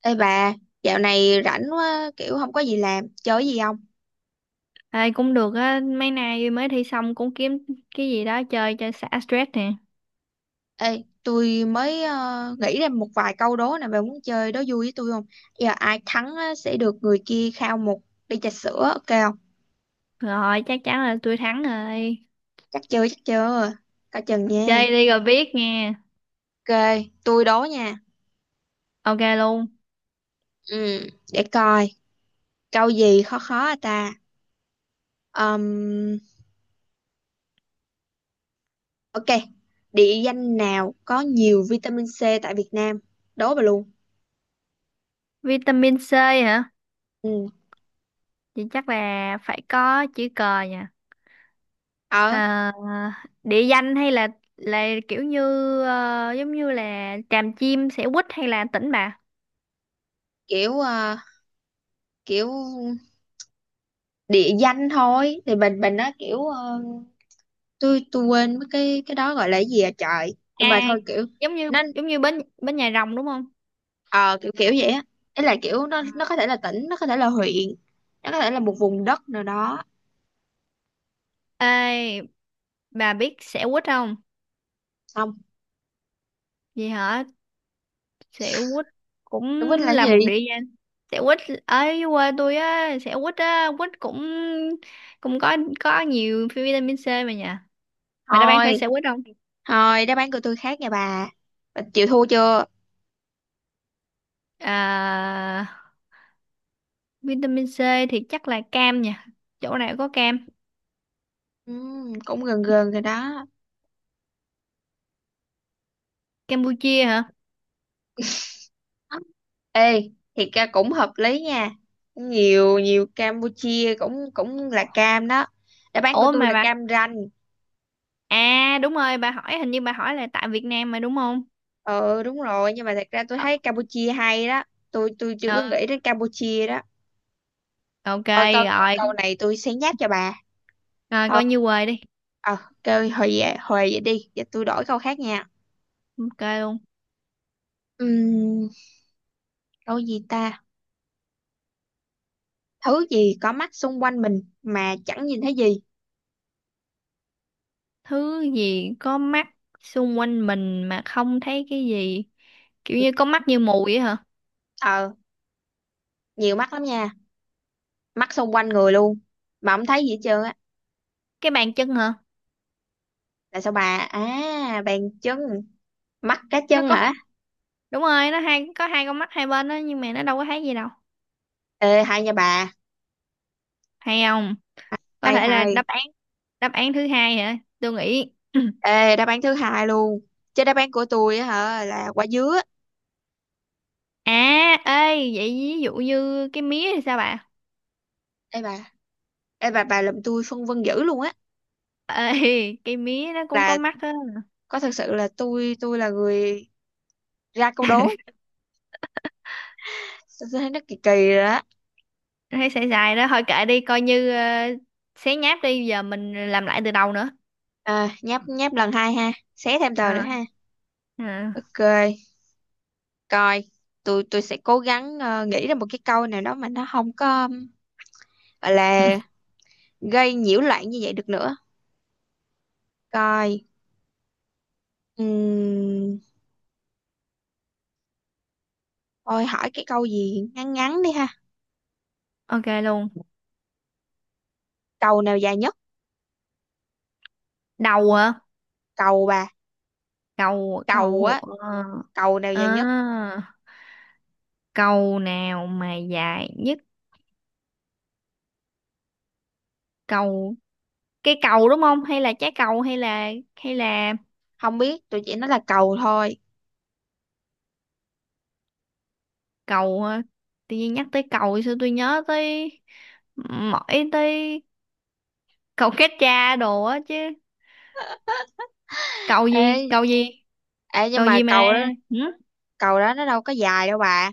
Ê bà, dạo này rảnh quá, kiểu không có gì làm, chơi gì không? Ai cũng được á, mấy nay mới thi xong cũng kiếm cái gì đó chơi cho xả stress nè. Ê, tôi mới nghĩ ra một vài câu đố nè, bà muốn chơi đố vui với tôi không? Giờ ai thắng á, sẽ được người kia khao một ly trà sữa, ok không? Rồi, chắc chắn là tôi thắng rồi. Chắc chưa, coi chừng nha. Chơi đi rồi biết nghe. Ok, tôi đố nha. Ok luôn. Ừ, để coi, câu gì khó khó à ta? Ừm, ok, địa danh nào có nhiều vitamin C tại Việt Nam? Đố bà luôn. Vitamin C hả? Ừ, Thì chắc là phải có chữ cờ nha. ở Ờ, địa danh hay là kiểu như, giống như là Tràm Chim, Xẻo Quýt hay là Tỉnh Bà? kiểu kiểu địa danh thôi thì mình nó kiểu tôi quên mất cái đó gọi là cái gì à trời nhưng mà À, thôi kiểu giống như nó giống như bến bến Nhà Rồng đúng không? ờ, kiểu kiểu vậy á, ý là kiểu nó Ờ. nó có thể là tỉnh, nó có thể là huyện, nó có thể là một vùng đất nào đó Ê, bà biết Xẻo Quýt không? xong Vậy hả? Xẻo quýt cũng tôi quên là cái là gì. một địa danh. Xẻo quýt ở quê tôi á. Xẻo quýt á, quýt cũng cũng có nhiều vitamin C mà nhỉ? Mày đã bán thôi phải xẻo quýt không? thôi đáp án của tôi khác nha bà. Bà chịu thua chưa? À, vitamin C thì chắc là cam nha, chỗ này có cam. Cũng gần gần rồi đó. Campuchia hả? Ê thì ca cũng hợp lý nha, nhiều nhiều Campuchia cũng cũng là cam đó. Đáp án của Ủa tôi mà là bà, Cam Ranh. à đúng rồi, bà hỏi là tại Việt Nam mà đúng không? Ừ, đúng rồi, nhưng mà thật ra tôi Ờ, thấy Campuchia hay đó. Tôi chưa có ừ, nghĩ đến Campuchia đó. ok. Thôi câu câu Rồi, này tôi sẽ nháp cho bà. rồi, Thôi, coi như quê đi. ờ kêu hồi về hồi vậy đi, giờ tôi đổi câu khác nha. Ok luôn. Ừm, Câu gì ta? Thứ gì có mắt xung quanh mình mà chẳng nhìn thấy gì? Thứ gì có mắt xung quanh mình mà không thấy cái gì? Kiểu như có mắt như mù vậy hả? ờ Nhiều mắt lắm nha, mắt xung quanh người luôn mà không thấy gì hết trơn á. Cái bàn chân hả? Là sao bà? À, bàn chân? Mắt cá Nó chân có hả? Đúng rồi, nó hai có hai con mắt hai bên đó nhưng mà nó đâu có thấy gì đâu. Ê hay nha bà, Hay không? Có hay thể là hay. đáp án. Đáp án thứ hai hả? Tôi nghĩ Ê, đáp án thứ hai luôn. Chứ đáp án của tôi á hả là quả dứa. à, ê, vậy ví dụ như cái mía thì sao bà? Ê bà, ê bà làm tôi phân vân dữ luôn á. Ê, cái mía nó cũng có Là mắt á. có thật sự là tôi là người ra câu đố. Tôi thấy nó kỳ kỳ rồi đó. Thấy xài xài đó thôi, kệ đi, coi như xé nháp đi, giờ mình làm lại từ đầu nữa. À, nháp nháp lần hai ha. Xé thêm tờ nữa Ờ, ha. ờ. Ok, coi. Tôi sẽ cố gắng nghĩ ra một cái câu nào đó mà nó không có gọi là gây nhiễu loạn như vậy được nữa. Coi. Ừm, Thôi hỏi cái câu gì ngắn ngắn đi ha. Ok luôn. Cầu nào dài nhất? Cầu hả? Cầu bà. Cầu Cầu cầu á, cầu nào à, dài nhất. cầu nào mà dài nhất? Cầu, cái cầu đúng không? Hay là trái cầu, hay là Không biết, tôi chỉ nói là cầu thôi. cầu, tự nhiên nhắc tới cầu thì sao tôi nhớ tới mỗi tới cầu kết cha đồ á chứ. Cầu gì? ê Cầu gì? ê nhưng Cầu mà gì mà? cầu đó Ừ? cầu đó nó đâu có dài đâu bà.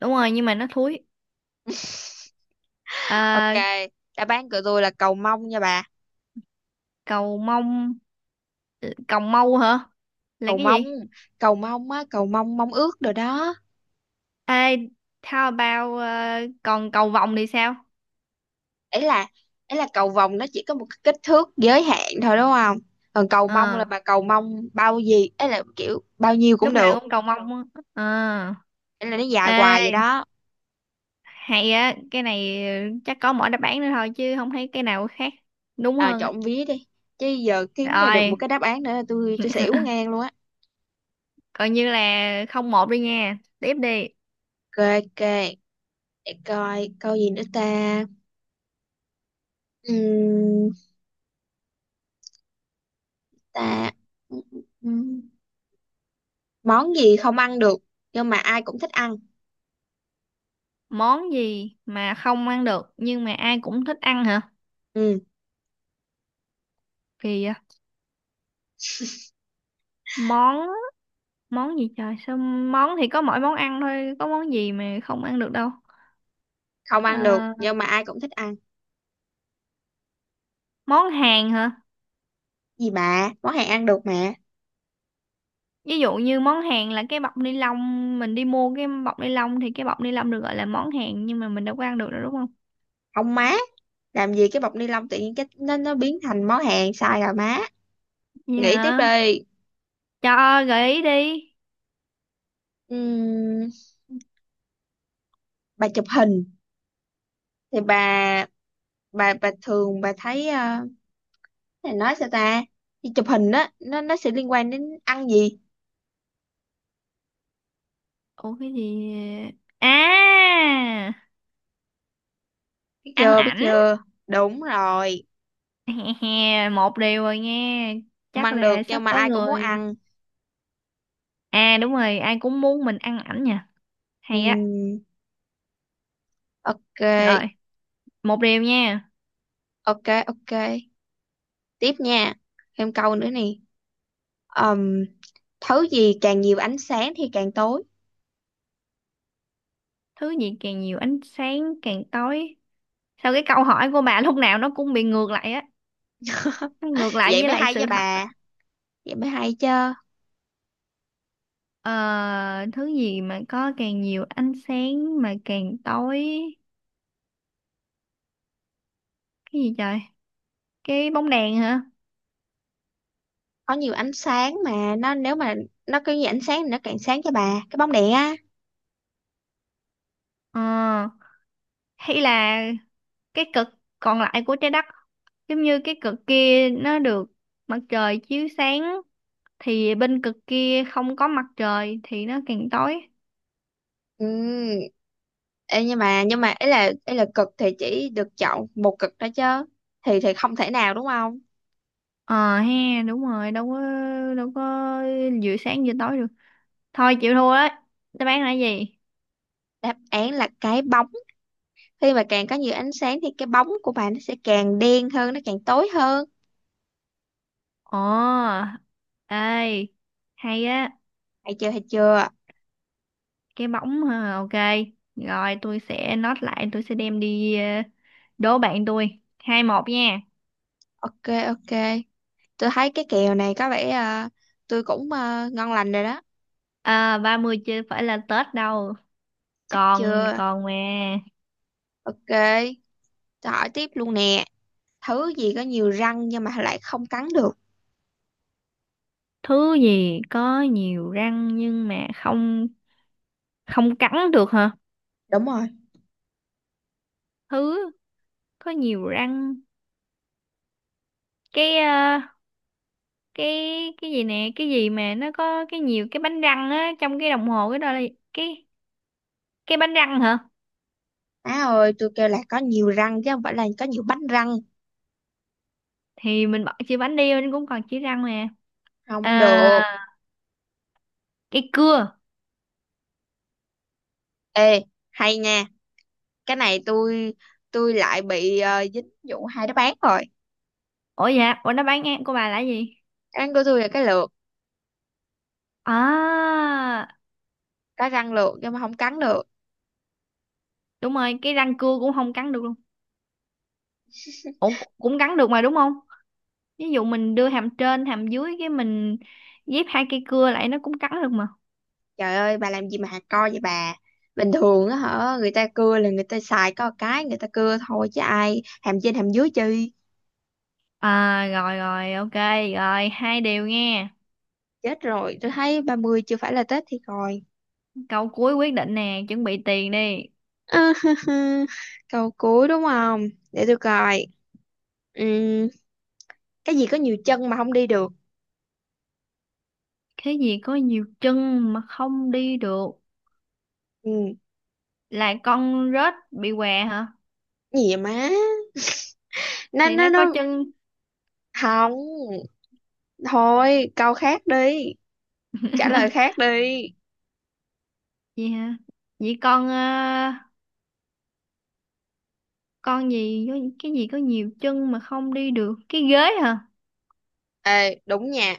Đúng rồi nhưng mà nó thúi. Ok, À, đáp án của tôi là cầu mông nha bà. cầu mông, cầu mâu hả? Là Cầu cái mông, gì? cầu mông á, cầu mông mông ước rồi đó. Ê, how about còn cầu vồng thì sao? Ấy là ấy là cầu vồng, nó chỉ có một cái kích thước giới hạn thôi đúng không. Còn cầu mông là Ờ, bà cầu mông bao gì ấy, là kiểu bao nhiêu cũng lúc nào được. cũng cầu mong á. À, Ấy là nó dài hoài vậy ê đó. hay á, cái này chắc có mỗi đáp án nữa thôi chứ không thấy cái nào khác đúng À, hơn á. trộn vía đi chứ, giờ kiếm ra được một Rồi, cái đáp án nữa là tôi xỉu ngang luôn á. coi như là không một đi nha, tiếp đi. Ok, ok. Để coi câu gì nữa ta. Ừm, Ta. Ừm, Món gì không ăn được nhưng mà ai cũng thích ăn? Món gì mà không ăn được nhưng mà ai cũng thích ăn hả? Ừm, Kỳ vậy. Món món gì trời, sao món thì có mỗi món ăn thôi, có món gì mà không ăn được đâu? Không ăn được Ờ, nhưng mà ai cũng thích ăn. món Hàn hả? Gì bà, món hàng ăn được mà. Ví dụ như món hàng là cái bọc ni lông, mình đi mua cái bọc ni lông thì cái bọc ni lông được gọi là món hàng nhưng mà mình đâu có ăn được đâu đúng không? Không má, làm gì cái bọc ni lông tự nhiên cái nó biến thành món hàng, sai rồi má. Nghĩ tiếp Dạ. đi. Cho gợi ý đi. Ừm, bà chụp hình thì bà thường bà thấy này nói sao ta, đi chụp hình đó nó sẽ liên quan đến ăn gì. Ủa cái gì? À, Biết ăn chưa biết ảnh. chưa? Đúng rồi. Một điều rồi nha, Không chắc ăn được là sắp nhưng mà có ai cũng muốn người. ăn. À, đúng rồi, ai cũng muốn mình ăn ảnh nha. Hay á. Ừm, Rồi, ok, một điều nha. ok, ok, tiếp nha, thêm câu nữa nè. Ừm, Thứ gì càng nhiều ánh sáng thì càng tối? Thứ gì càng nhiều ánh sáng càng tối? Sao cái câu hỏi của bà lúc nào nó cũng bị ngược lại á, nó ngược lại Vậy với mới lại hay chứ sự thật. bà, vậy mới hay chứ. Ờ, thứ gì mà có càng nhiều ánh sáng mà càng tối, cái gì trời? Cái bóng đèn hả? Có nhiều ánh sáng mà nó, nếu mà nó có nhiều ánh sáng thì nó càng sáng, cho bà cái bóng đèn á. Ờ, hay là cái cực còn lại của trái đất, giống như cái cực kia nó được mặt trời chiếu sáng thì bên cực kia không có mặt trời thì nó càng tối. Ừm, Ê, nhưng mà ấy là cực thì chỉ được chọn một cực đó chứ, thì không thể nào đúng không. Ờ ha, đúng rồi, đâu có, đâu có vừa sáng vừa tối được. Thôi chịu thua đấy, đáp án là cái gì? Đáp án là cái bóng. Khi mà càng có nhiều ánh sáng thì cái bóng của bạn nó sẽ càng đen hơn, nó càng tối hơn. Ồ, ê hay á, Thấy chưa thấy chưa? cái bóng ha, ok. Rồi, tôi sẽ note lại, tôi sẽ đem đi đố bạn tôi 2-1 nha. Ok, ok, tôi thấy cái kèo này có vẻ tôi cũng ngon lành rồi đó. À, 30 chưa phải là Tết đâu, Chắc còn chưa. còn mà. Ok, tôi hỏi tiếp luôn nè. Thứ gì có nhiều răng nhưng mà lại không cắn được? Thứ gì có nhiều răng nhưng mà không không cắn được hả? Đúng rồi. Thứ có nhiều răng, cái ờ, cái cái gì nè, cái gì mà nó có cái nhiều cái bánh răng á trong cái đồng hồ, cái đó là cái cái bánh răng hả? Má ơi, tôi kêu là có nhiều răng chứ không phải là có nhiều bánh răng. Thì mình bỏ chữ bánh đi mình cũng còn chữ răng mà. Không À, được. cái cưa. Ê hay nha, cái này tôi lại bị dính vụ hai đáp án rồi. Ủa, nó bán ngang của bà là gì? Đáp án của tôi là cái lược, À, có răng lược nhưng mà không cắn được. đúng rồi, cái răng cưa cũng không cắn được luôn. Ủa, cũng cắn được mà đúng không? Ví dụ mình đưa hàm trên, hàm dưới cái mình ghép hai cây cưa lại nó cũng cắn được mà. Trời ơi bà làm gì mà hạt co vậy bà. Bình thường á hả? Người ta cưa là người ta xài có một cái. Người ta cưa thôi chứ ai hàm trên hàm dưới chi. À, rồi, rồi, ok, rồi, hai điều nghe. Chết rồi, tôi thấy 30 chưa phải là Tết thì coi. Câu cuối quyết định nè, chuẩn bị tiền đi. À, câu cuối đúng không? Để tôi coi. Ừm, Cái gì có nhiều chân mà không đi được? Cái gì có nhiều chân mà không đi được? Ừm, Là con rết bị què hả? Gì vậy má? Thì nó có nó chân Không. Thôi câu khác đi, trả lời khác đi. gì hả? Vậy con, con gì có cái gì có nhiều chân mà không đi được, cái ghế hả? Ê đúng nha.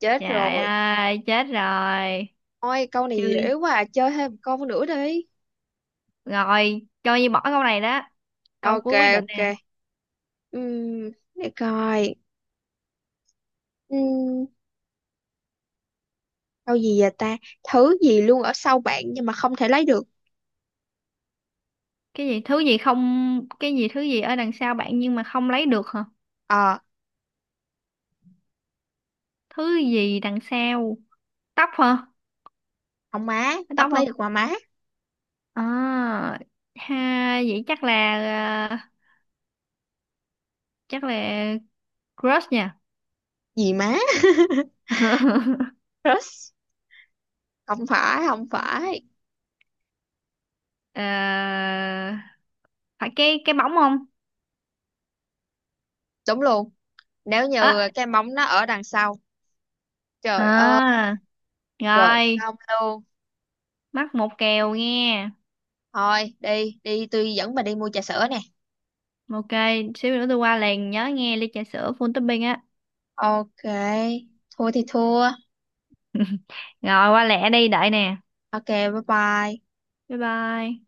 Chết Trời rồi. ơi chết rồi. Ôi câu này dễ Chơi quá à. Chơi thêm một câu nữa đi. rồi, cho như bỏ câu này đó, câu Ok, cuối quyết định ok. nè. Để coi. Ừm, Câu gì vậy ta? Thứ gì luôn ở sau bạn nhưng mà không thể lấy được? Cái gì thứ gì không Cái gì thứ gì ở đằng sau bạn nhưng mà không lấy được hả? Ờ, Thứ gì đằng sau? Tóc hả? không má, Cái tóc tóc lấy không được mà má. à ha, vậy chắc là, à, chắc là crush nha. Gì má? Crush? Không phải không phải. Ờ, phải cái bóng không? Đúng luôn. Nếu À, như cái móng nó ở đằng sau. Trời ơi. à. Rồi Rồi, xong luôn. mắc một kèo nghe. Thôi đi đi, tôi dẫn bà đi mua trà sữa nè. Ok, xíu nữa tôi qua liền, nhớ nghe ly trà sữa full topping á. Ok, thua thì thua. Rồi, qua lẹ đi, đợi nè. Ok bye bye. Bye bye.